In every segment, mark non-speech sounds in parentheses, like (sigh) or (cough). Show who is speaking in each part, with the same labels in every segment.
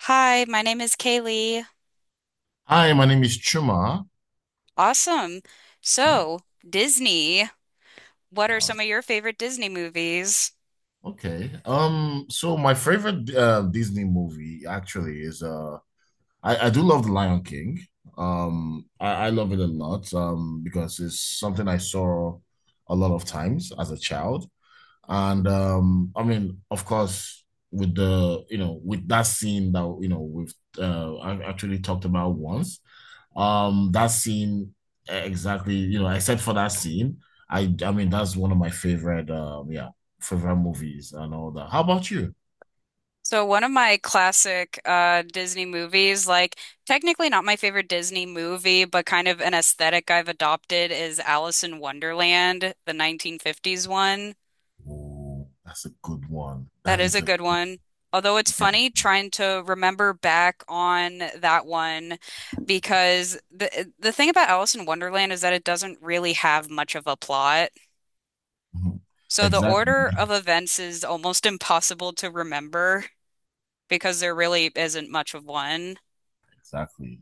Speaker 1: Hi, my name is Kaylee.
Speaker 2: Hi, my name is Chuma.
Speaker 1: Awesome.
Speaker 2: Hmm,
Speaker 1: So, Disney, what are some
Speaker 2: awesome.
Speaker 1: of your favorite Disney movies?
Speaker 2: Okay. So my favorite Disney movie actually is I do love The Lion King. I love it a lot because it's something I saw a lot of times as a child. And I mean, of course, with the with that scene that we've I actually talked about once, that scene exactly, except for that scene, I mean that's one of my favorite favorite movies and all that. How about you?
Speaker 1: So, one of my classic Disney movies, like technically not my favorite Disney movie, but kind of an aesthetic I've adopted is Alice in Wonderland, the 1950s one.
Speaker 2: Oh, that's a good one.
Speaker 1: That
Speaker 2: That
Speaker 1: is
Speaker 2: is
Speaker 1: a
Speaker 2: a
Speaker 1: good one. Although it's funny trying to remember back on that one because the thing about Alice in Wonderland is that it doesn't really have much of a plot.
Speaker 2: (laughs)
Speaker 1: So the order
Speaker 2: exactly.
Speaker 1: of events is almost (laughs) impossible to remember because there really isn't much of one.
Speaker 2: Exactly,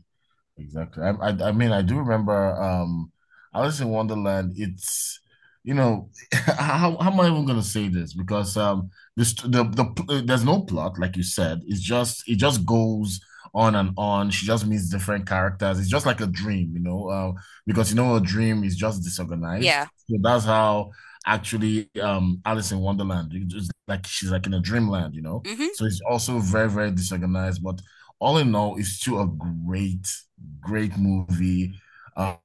Speaker 2: exactly. I mean, I do remember. Alice in Wonderland. It's you know, (laughs) how am I even gonna say this? Because this the there's no plot, like you said. It just goes on and on. She just meets different characters. It's just like a dream, you know. Because you know, a dream is just
Speaker 1: Yeah.
Speaker 2: disorganized. So that's how actually Alice in Wonderland. It's just like she's like in a dreamland, you know.
Speaker 1: hmm
Speaker 2: So it's also very, very disorganized, but all in all, it's still a great, great movie.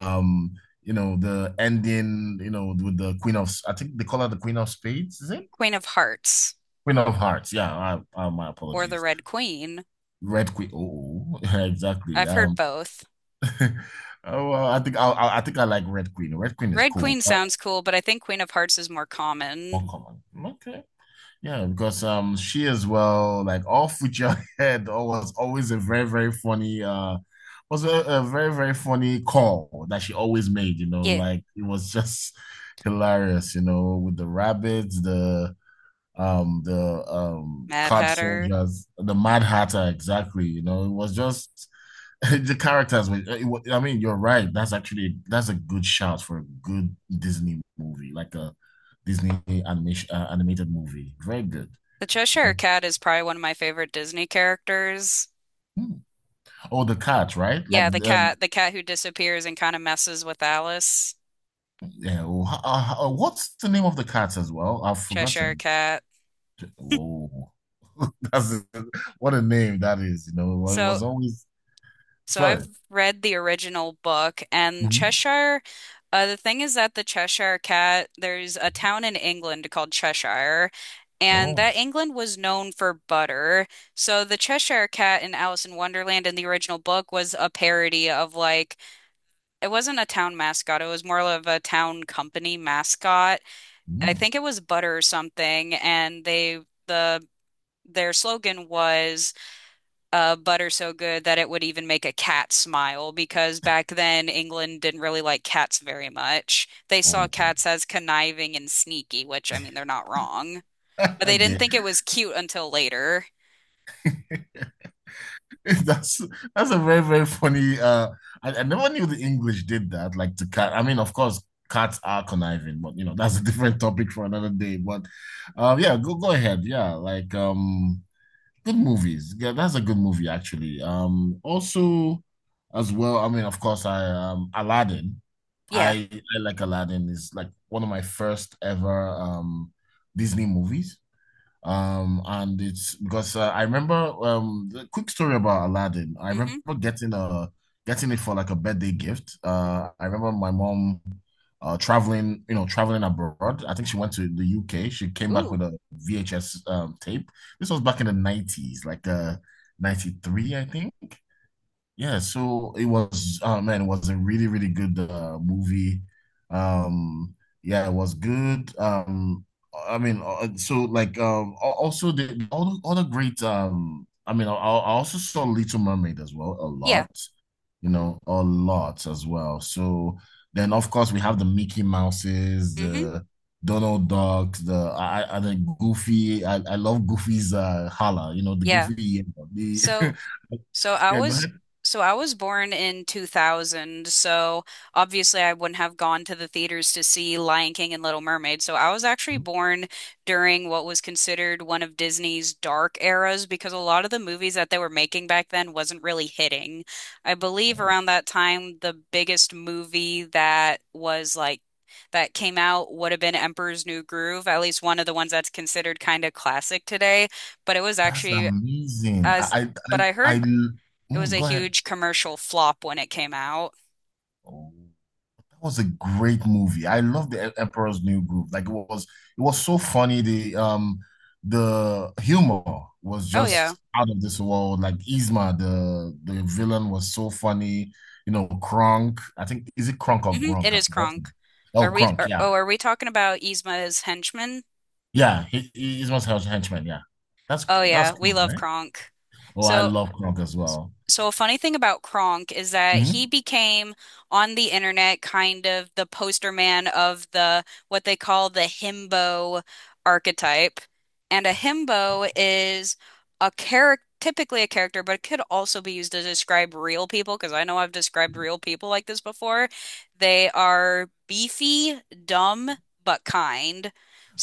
Speaker 2: Um, you know, the ending, you know, with the Queen of, I think they call her the Queen of Spades, is it?
Speaker 1: Queen of Hearts
Speaker 2: Queen of Hearts. Yeah, my
Speaker 1: or the
Speaker 2: apologies.
Speaker 1: Red Queen.
Speaker 2: Red Queen. Oh, (laughs) exactly.
Speaker 1: I've heard both.
Speaker 2: (laughs) Oh, well, I think I like Red Queen. Red Queen is
Speaker 1: Red
Speaker 2: cool.
Speaker 1: Queen
Speaker 2: Not
Speaker 1: sounds cool, but I think Queen of Hearts is more common.
Speaker 2: uncommon. Okay. Yeah, because she as well, like all future (laughs) head, was always a very very funny uh was a very, very funny call that she always made, you know,
Speaker 1: Yeah.
Speaker 2: like it was (laughs) just hilarious, you know, with the rabbits, the
Speaker 1: Mad
Speaker 2: card
Speaker 1: Hatter.
Speaker 2: soldiers, the Mad Hatter, exactly, you know, it was just (laughs) the characters were, I mean, you're right. That's a good shout for a good Disney movie, like a Disney animation animated movie. Very good.
Speaker 1: The
Speaker 2: You
Speaker 1: Cheshire
Speaker 2: know.
Speaker 1: Cat is probably one of my favorite Disney characters.
Speaker 2: Hmm. Oh, the cat, right? Like
Speaker 1: Yeah,
Speaker 2: the
Speaker 1: the cat who disappears and kind of messes with Alice.
Speaker 2: yeah. Oh, what's the name of the cat as well? I've
Speaker 1: Cheshire
Speaker 2: forgotten.
Speaker 1: Cat.
Speaker 2: Whoa. (laughs) That's what a name that is. You know, well, it
Speaker 1: So
Speaker 2: was always
Speaker 1: So
Speaker 2: spell
Speaker 1: I've
Speaker 2: it.
Speaker 1: read the original book and
Speaker 2: Mhm.
Speaker 1: Cheshire. The thing is that the Cheshire Cat, there's a town in England called Cheshire, and
Speaker 2: Oh.
Speaker 1: that England was known for butter. So the Cheshire Cat in Alice in Wonderland in the original book was a parody of like, it wasn't a town mascot, it was more of a town company mascot. I
Speaker 2: mm,
Speaker 1: think it was butter or something, and they, the, their slogan was butter so good that it would even make a cat smile because back then England didn't really like cats very much. They saw
Speaker 2: oh.
Speaker 1: cats as conniving and sneaky, which I mean, they're not wrong, but
Speaker 2: (laughs)
Speaker 1: they didn't
Speaker 2: There.
Speaker 1: think it was cute until later.
Speaker 2: (laughs) That's that's a very, very funny. I never knew the English did that. Like to cat. I mean, of course, cats are conniving, but you know, (laughs) that's a different topic for another day. But yeah, go ahead. Yeah, like. Good movies. Yeah, that's a good movie actually. Also as well, I mean, of course, I Aladdin.
Speaker 1: Yeah.
Speaker 2: I I like Aladdin. It's like one of my first ever Disney movies. And it's because I remember the quick story about Aladdin. I remember
Speaker 1: Mm-hmm.
Speaker 2: getting a getting it for like a birthday gift. I remember my mom traveling abroad. I think she went to the UK. She came back
Speaker 1: Ooh.
Speaker 2: with a VHS tape. This was back in the 90s, like 93, I think. Yeah, so it was oh man, it was a really, really good movie. Um, yeah, it was good. So also the all the other great um I also saw Little Mermaid as well a
Speaker 1: Yeah.
Speaker 2: lot, you know, a lot as well. So then of course we have the Mickey Mouses,
Speaker 1: Mm-hmm.
Speaker 2: the Donald Duck, the Goofy. I love Goofy's holla, you know, the
Speaker 1: Yeah.
Speaker 2: Goofy. (laughs) The,
Speaker 1: So. So I
Speaker 2: yeah, go
Speaker 1: was
Speaker 2: ahead.
Speaker 1: so I was born in 2000, so obviously I wouldn't have gone to the theaters to see Lion King and Little Mermaid. So I was actually born during what was considered one of Disney's dark eras because a lot of the movies that they were making back then wasn't really hitting. I believe
Speaker 2: Oh,
Speaker 1: around that time the biggest movie that was like that came out would have been Emperor's New Groove, at least one of the ones that's considered kind of classic today, but it was
Speaker 2: that's
Speaker 1: actually
Speaker 2: amazing.
Speaker 1: as
Speaker 2: I, I,
Speaker 1: but I
Speaker 2: I,
Speaker 1: heard
Speaker 2: I
Speaker 1: it was a
Speaker 2: go ahead.
Speaker 1: huge commercial flop when it came out.
Speaker 2: Oh, that was a great movie. I love the Emperor's New Groove. Like it was so funny. The humor was
Speaker 1: Oh yeah.
Speaker 2: just out of this world. Like Yzma, the villain was so funny. You know, Kronk. I think is it Kronk or
Speaker 1: hmm
Speaker 2: Gronk?
Speaker 1: It
Speaker 2: I've
Speaker 1: is
Speaker 2: forgotten.
Speaker 1: Kronk.
Speaker 2: Oh,
Speaker 1: Are we
Speaker 2: Kronk.
Speaker 1: are,
Speaker 2: Yeah,
Speaker 1: oh, are we talking about Yzma's henchman?
Speaker 2: yeah. Yzma's henchman. Yeah,
Speaker 1: Oh
Speaker 2: that's
Speaker 1: yeah, we
Speaker 2: Kronk,
Speaker 1: love
Speaker 2: right?
Speaker 1: Kronk.
Speaker 2: Oh, I
Speaker 1: So
Speaker 2: love Kronk as well.
Speaker 1: So a funny thing about Kronk is that he
Speaker 2: Mhm.
Speaker 1: became on the internet kind of the poster man of the what they call the himbo archetype. And a himbo is a character, typically a character, but it could also be used to describe real people because I know I've described real people like this before. They are beefy, dumb, but kind.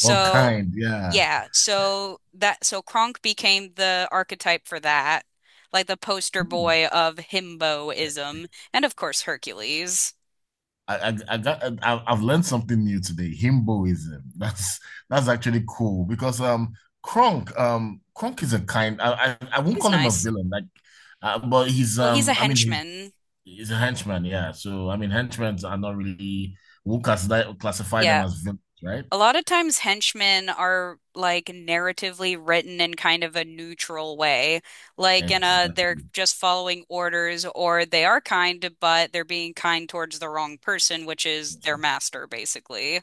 Speaker 2: What kind? Yeah.
Speaker 1: yeah, so that so Kronk became the archetype for that, like the poster
Speaker 2: Hmm.
Speaker 1: boy of himboism, and of course Hercules.
Speaker 2: I've learned something new today. Himboism. (laughs) That's actually cool because Kronk is a kind. I won't
Speaker 1: He's
Speaker 2: call him a
Speaker 1: nice.
Speaker 2: villain like, but he's
Speaker 1: Well, he's a henchman.
Speaker 2: he's a henchman. Yeah. So I mean henchmen are not really we'll classify classify them
Speaker 1: Yeah,
Speaker 2: as villains, right?
Speaker 1: a lot of times henchmen are like narratively written in kind of a neutral way, like in a they're
Speaker 2: Exactly.
Speaker 1: just following orders, or they are kind, but they're being kind towards the wrong person, which is their master, basically.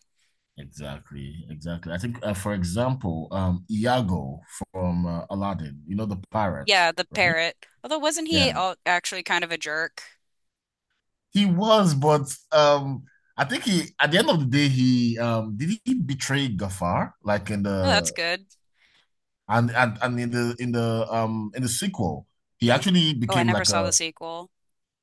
Speaker 2: Exactly. Exactly. I think for example Iago from Aladdin. You know the pirates,
Speaker 1: Yeah, the
Speaker 2: right?
Speaker 1: parrot. Although wasn't he
Speaker 2: Yeah.
Speaker 1: actually kind of a jerk?
Speaker 2: He was, but I think he at the end of the day he did he betray Gafar like in
Speaker 1: Oh, that's
Speaker 2: the
Speaker 1: good.
Speaker 2: and in the sequel he
Speaker 1: Mm.
Speaker 2: actually
Speaker 1: Oh, I
Speaker 2: became
Speaker 1: never
Speaker 2: like
Speaker 1: saw the
Speaker 2: a
Speaker 1: sequel.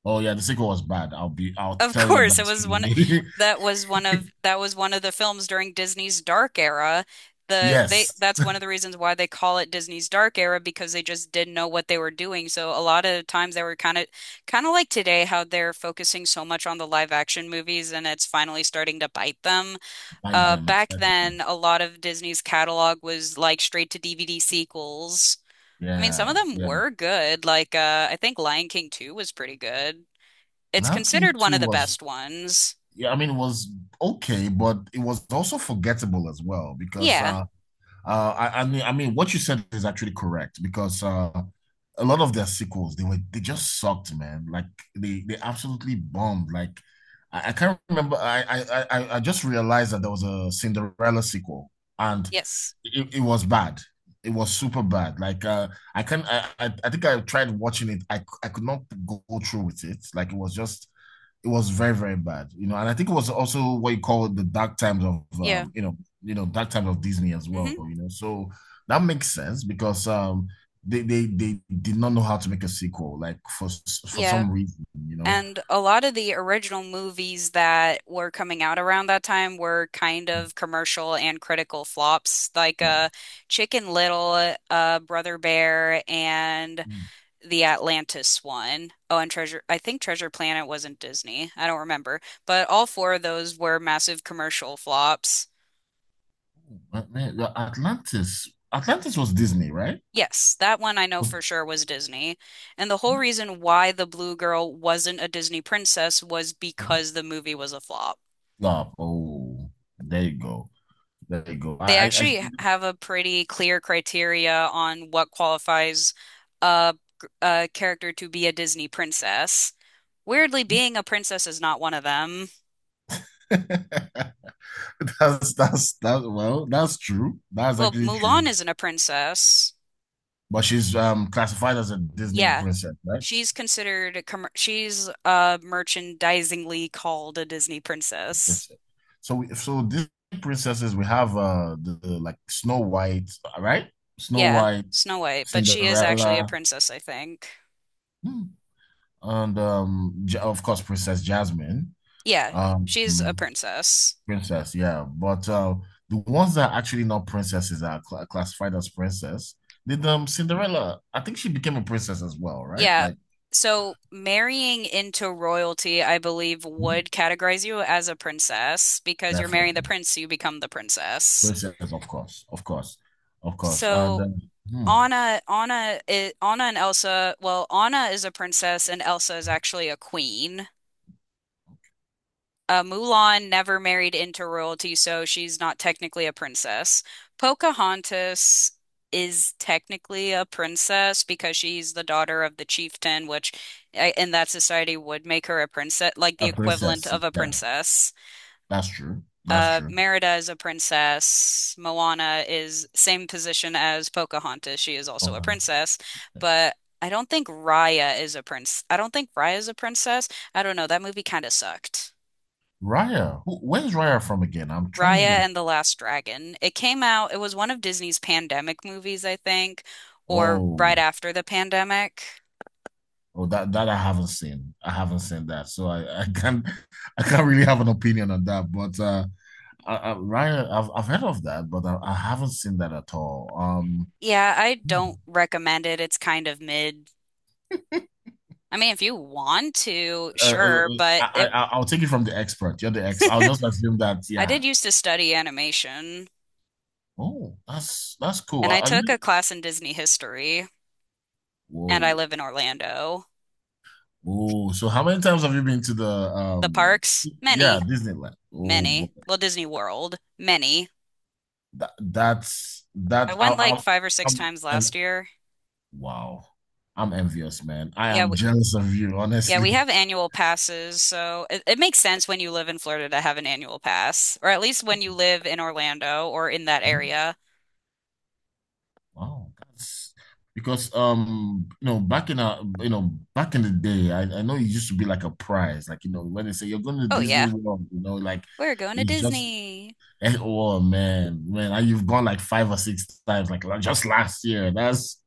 Speaker 2: oh yeah the sequel was bad I'll be I'll
Speaker 1: Of
Speaker 2: tell you
Speaker 1: course, it
Speaker 2: that
Speaker 1: was
Speaker 2: straight
Speaker 1: one
Speaker 2: away.
Speaker 1: that was one of
Speaker 2: (laughs)
Speaker 1: that was one of the films during Disney's dark era. They
Speaker 2: Yes,
Speaker 1: that's one of the reasons why they call it Disney's dark era because they just didn't know what they were doing. So a lot of times they were kind of like today how they're focusing so much on the live action movies and it's finally starting to bite them.
Speaker 2: by them
Speaker 1: Back
Speaker 2: exactly.
Speaker 1: then, a lot of Disney's catalog was like straight to DVD sequels. I mean, some of
Speaker 2: Yeah,
Speaker 1: them
Speaker 2: yeah.
Speaker 1: were good. Like, I think Lion King 2 was pretty good. It's
Speaker 2: Lion
Speaker 1: considered
Speaker 2: King
Speaker 1: one
Speaker 2: 2
Speaker 1: of the
Speaker 2: was
Speaker 1: best ones.
Speaker 2: yeah I mean it was okay, but it was also forgettable as well because
Speaker 1: Yeah.
Speaker 2: I mean, I mean, what you said is actually correct because a lot of their sequels they just sucked, man. Like they absolutely bombed. Like I can't remember. I- just realized that there was a Cinderella sequel and
Speaker 1: Yes.
Speaker 2: it was bad. It was super bad. Like I can I think I tried watching it. I could not go through with it. Like it was just it was very very bad, you know, and I think it was also what you call the dark times of
Speaker 1: Yeah.
Speaker 2: you know, you know, dark times of Disney as well,
Speaker 1: hmm
Speaker 2: you know. So that makes sense because they did not know how to make a sequel, like for
Speaker 1: Yeah.
Speaker 2: some reason, you know.
Speaker 1: And a lot of the original movies that were coming out around that time were kind of commercial and critical flops, like
Speaker 2: No.
Speaker 1: Chicken Little, Brother Bear, and the Atlantis one. Oh, and Treasure, I think Treasure Planet wasn't Disney. I don't remember. But all four of those were massive commercial flops.
Speaker 2: Atlantis was Disney, right?
Speaker 1: Yes, that one I know
Speaker 2: Was,
Speaker 1: for sure was Disney. And the whole reason why the Blue Girl wasn't a Disney princess was because the movie was a flop.
Speaker 2: no, oh there you go, there you go.
Speaker 1: They actually have a pretty clear criteria on what qualifies a, a character to be a Disney princess. Weirdly, being a princess is not one of them.
Speaker 2: I (laughs) that's that, well, that's true, that's
Speaker 1: Well,
Speaker 2: actually
Speaker 1: Mulan
Speaker 2: true.
Speaker 1: isn't a princess.
Speaker 2: But she's classified as a Disney
Speaker 1: Yeah,
Speaker 2: princess, right?
Speaker 1: she's considered, a commer- she's merchandisingly called a Disney princess.
Speaker 2: Princess. So Disney princesses we have the, like Snow White, right? Snow
Speaker 1: Yeah,
Speaker 2: White,
Speaker 1: Snow White, but she is actually a
Speaker 2: Cinderella,
Speaker 1: princess, I think.
Speaker 2: hmm, and of course Princess Jasmine,
Speaker 1: Yeah, she's a
Speaker 2: um
Speaker 1: princess.
Speaker 2: princess, yeah. But the ones that are actually not princesses are classified as princess. Did Cinderella? I think she became a princess as well, right?
Speaker 1: Yeah.
Speaker 2: Like
Speaker 1: So marrying into royalty, I believe,
Speaker 2: hmm,
Speaker 1: would categorize you as a princess because you're marrying the
Speaker 2: definitely
Speaker 1: prince, so you become the princess.
Speaker 2: princess, of course, of course, of course, and.
Speaker 1: So
Speaker 2: Hmm.
Speaker 1: Anna and Elsa, well, Anna is a princess and Elsa is actually a queen. Mulan never married into royalty, so she's not technically a princess. Pocahontas is technically a princess because she's the daughter of the chieftain, which in that society would make her a princess, like the
Speaker 2: A
Speaker 1: equivalent
Speaker 2: princess.
Speaker 1: of a
Speaker 2: Yeah,
Speaker 1: princess.
Speaker 2: that's true. That's true.
Speaker 1: Merida is a princess. Moana is same position as Pocahontas. She is also a
Speaker 2: Okay.
Speaker 1: princess, but I don't think Raya is a princess. I don't know. That movie kind of sucked.
Speaker 2: Raya. Who, where's Raya from again? I'm trying to
Speaker 1: Raya
Speaker 2: like.
Speaker 1: and the Last Dragon. It came out, it was one of Disney's pandemic movies, I think, or
Speaker 2: Oh,
Speaker 1: right after the pandemic.
Speaker 2: oh, that that I haven't seen. I haven't seen that, so I can't (laughs) I can't really have an opinion on that. But Raya, I've heard of that, but I haven't seen that at all.
Speaker 1: Yeah, I
Speaker 2: Hmm.
Speaker 1: don't recommend it. It's kind of mid. I mean, if you want to,
Speaker 2: Uh, uh,
Speaker 1: sure,
Speaker 2: uh,
Speaker 1: but
Speaker 2: I,
Speaker 1: it,
Speaker 2: I I'll take it from the expert. You're the ex. I'll
Speaker 1: (laughs)
Speaker 2: just assume that.
Speaker 1: I
Speaker 2: Yeah.
Speaker 1: did used to study animation,
Speaker 2: Oh, that's cool.
Speaker 1: and I
Speaker 2: Are
Speaker 1: took a
Speaker 2: you?
Speaker 1: class in Disney history, and I
Speaker 2: Whoa.
Speaker 1: live in Orlando.
Speaker 2: Oh, so how many times have you been to the
Speaker 1: The parks,
Speaker 2: yeah,
Speaker 1: many,
Speaker 2: Disneyland? Oh boy.
Speaker 1: many. Well, Disney World, many.
Speaker 2: That that's
Speaker 1: I
Speaker 2: that
Speaker 1: went like
Speaker 2: I
Speaker 1: five or six
Speaker 2: I'm
Speaker 1: times
Speaker 2: and
Speaker 1: last year.
Speaker 2: wow. I'm envious, man. I
Speaker 1: Yeah,
Speaker 2: am jealous of you, (laughs)
Speaker 1: yeah, we
Speaker 2: honestly.
Speaker 1: have annual passes, so it makes sense when you live in Florida to have an annual pass, or at least when you live in Orlando or in that
Speaker 2: Mhm.
Speaker 1: area.
Speaker 2: Wow, that's because you know back in a you know back in the day, I know it used to be like a prize, like you know when they say you're going to
Speaker 1: Oh
Speaker 2: Disney
Speaker 1: yeah,
Speaker 2: World, you know like
Speaker 1: we're going to
Speaker 2: it's just
Speaker 1: Disney.
Speaker 2: (laughs) Oh man, man, you've gone like five or six times, like just last year. That's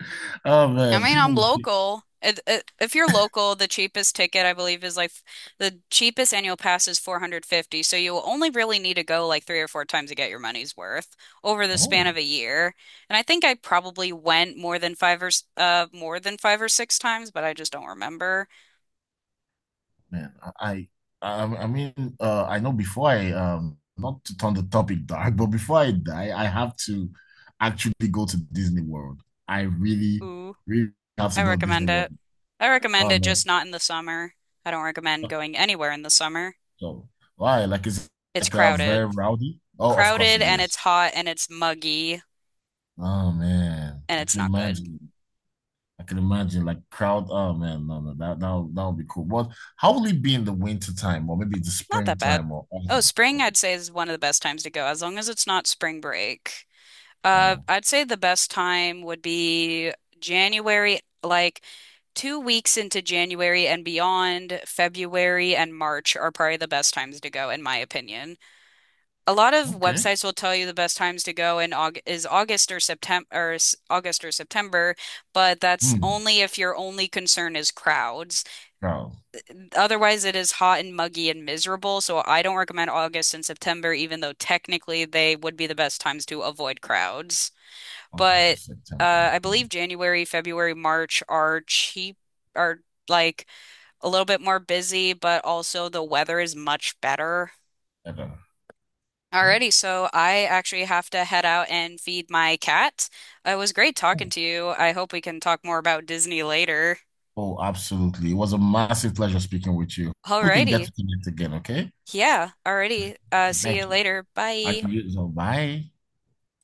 Speaker 2: oh
Speaker 1: I
Speaker 2: man,
Speaker 1: mean,
Speaker 2: people.
Speaker 1: I'm
Speaker 2: Will keep
Speaker 1: local. If you're local, the cheapest ticket I believe is like the cheapest annual pass is 450, so you only really need to go like 3 or 4 times to get your money's worth over the span
Speaker 2: Oh
Speaker 1: of a year. And I think I probably went more than more than 5 or 6 times, but I just don't remember.
Speaker 2: man, I mean, I know before I not to turn the topic dark, but before I die, I have to actually go to Disney World. I really, really have
Speaker 1: I
Speaker 2: to go to Disney
Speaker 1: recommend
Speaker 2: World.
Speaker 1: it. I recommend
Speaker 2: Oh
Speaker 1: it
Speaker 2: man,
Speaker 1: just not in the summer. I don't recommend going anywhere in the summer.
Speaker 2: so why? Like it's
Speaker 1: It's
Speaker 2: like very
Speaker 1: crowded.
Speaker 2: rowdy. Oh, of course
Speaker 1: Crowded
Speaker 2: it
Speaker 1: and it's
Speaker 2: is.
Speaker 1: hot and it's muggy
Speaker 2: Oh man,
Speaker 1: and
Speaker 2: I
Speaker 1: it's
Speaker 2: can
Speaker 1: not good.
Speaker 2: imagine. I can imagine like crowd. Oh man, no, no, that that that would be cool. But how will it be in the winter time or maybe the
Speaker 1: Not that bad.
Speaker 2: springtime or
Speaker 1: Oh,
Speaker 2: autumn?
Speaker 1: spring I'd say is one of the best times to go as long as it's not spring break.
Speaker 2: Oh,
Speaker 1: I'd say the best time would be January, like 2 weeks into January and beyond, February and March are probably the best times to go in my opinion. A lot of
Speaker 2: okay.
Speaker 1: websites will tell you the best times to go in Aug is August or September August or September, but that's
Speaker 2: Hmm.
Speaker 1: only if your only concern is crowds.
Speaker 2: Crowd.
Speaker 1: Otherwise, it is hot and muggy and miserable, so I don't recommend August and September, even though technically they would be the best times to avoid crowds.
Speaker 2: August,
Speaker 1: But
Speaker 2: this September.
Speaker 1: I
Speaker 2: Hmm.
Speaker 1: believe January, February, March are cheap, are like a little bit more busy, but also the weather is much better.
Speaker 2: Okay. Oh,
Speaker 1: Alrighty, so I actually have to head out and feed my cat. It was great talking
Speaker 2: oh,
Speaker 1: to you. I hope we can talk more about Disney later.
Speaker 2: oh, absolutely. It was a massive pleasure speaking with you. We can get
Speaker 1: Alrighty.
Speaker 2: to connect again, okay?
Speaker 1: Yeah, alrighty. See you
Speaker 2: Thank you.
Speaker 1: later.
Speaker 2: And
Speaker 1: Bye.
Speaker 2: you, so bye.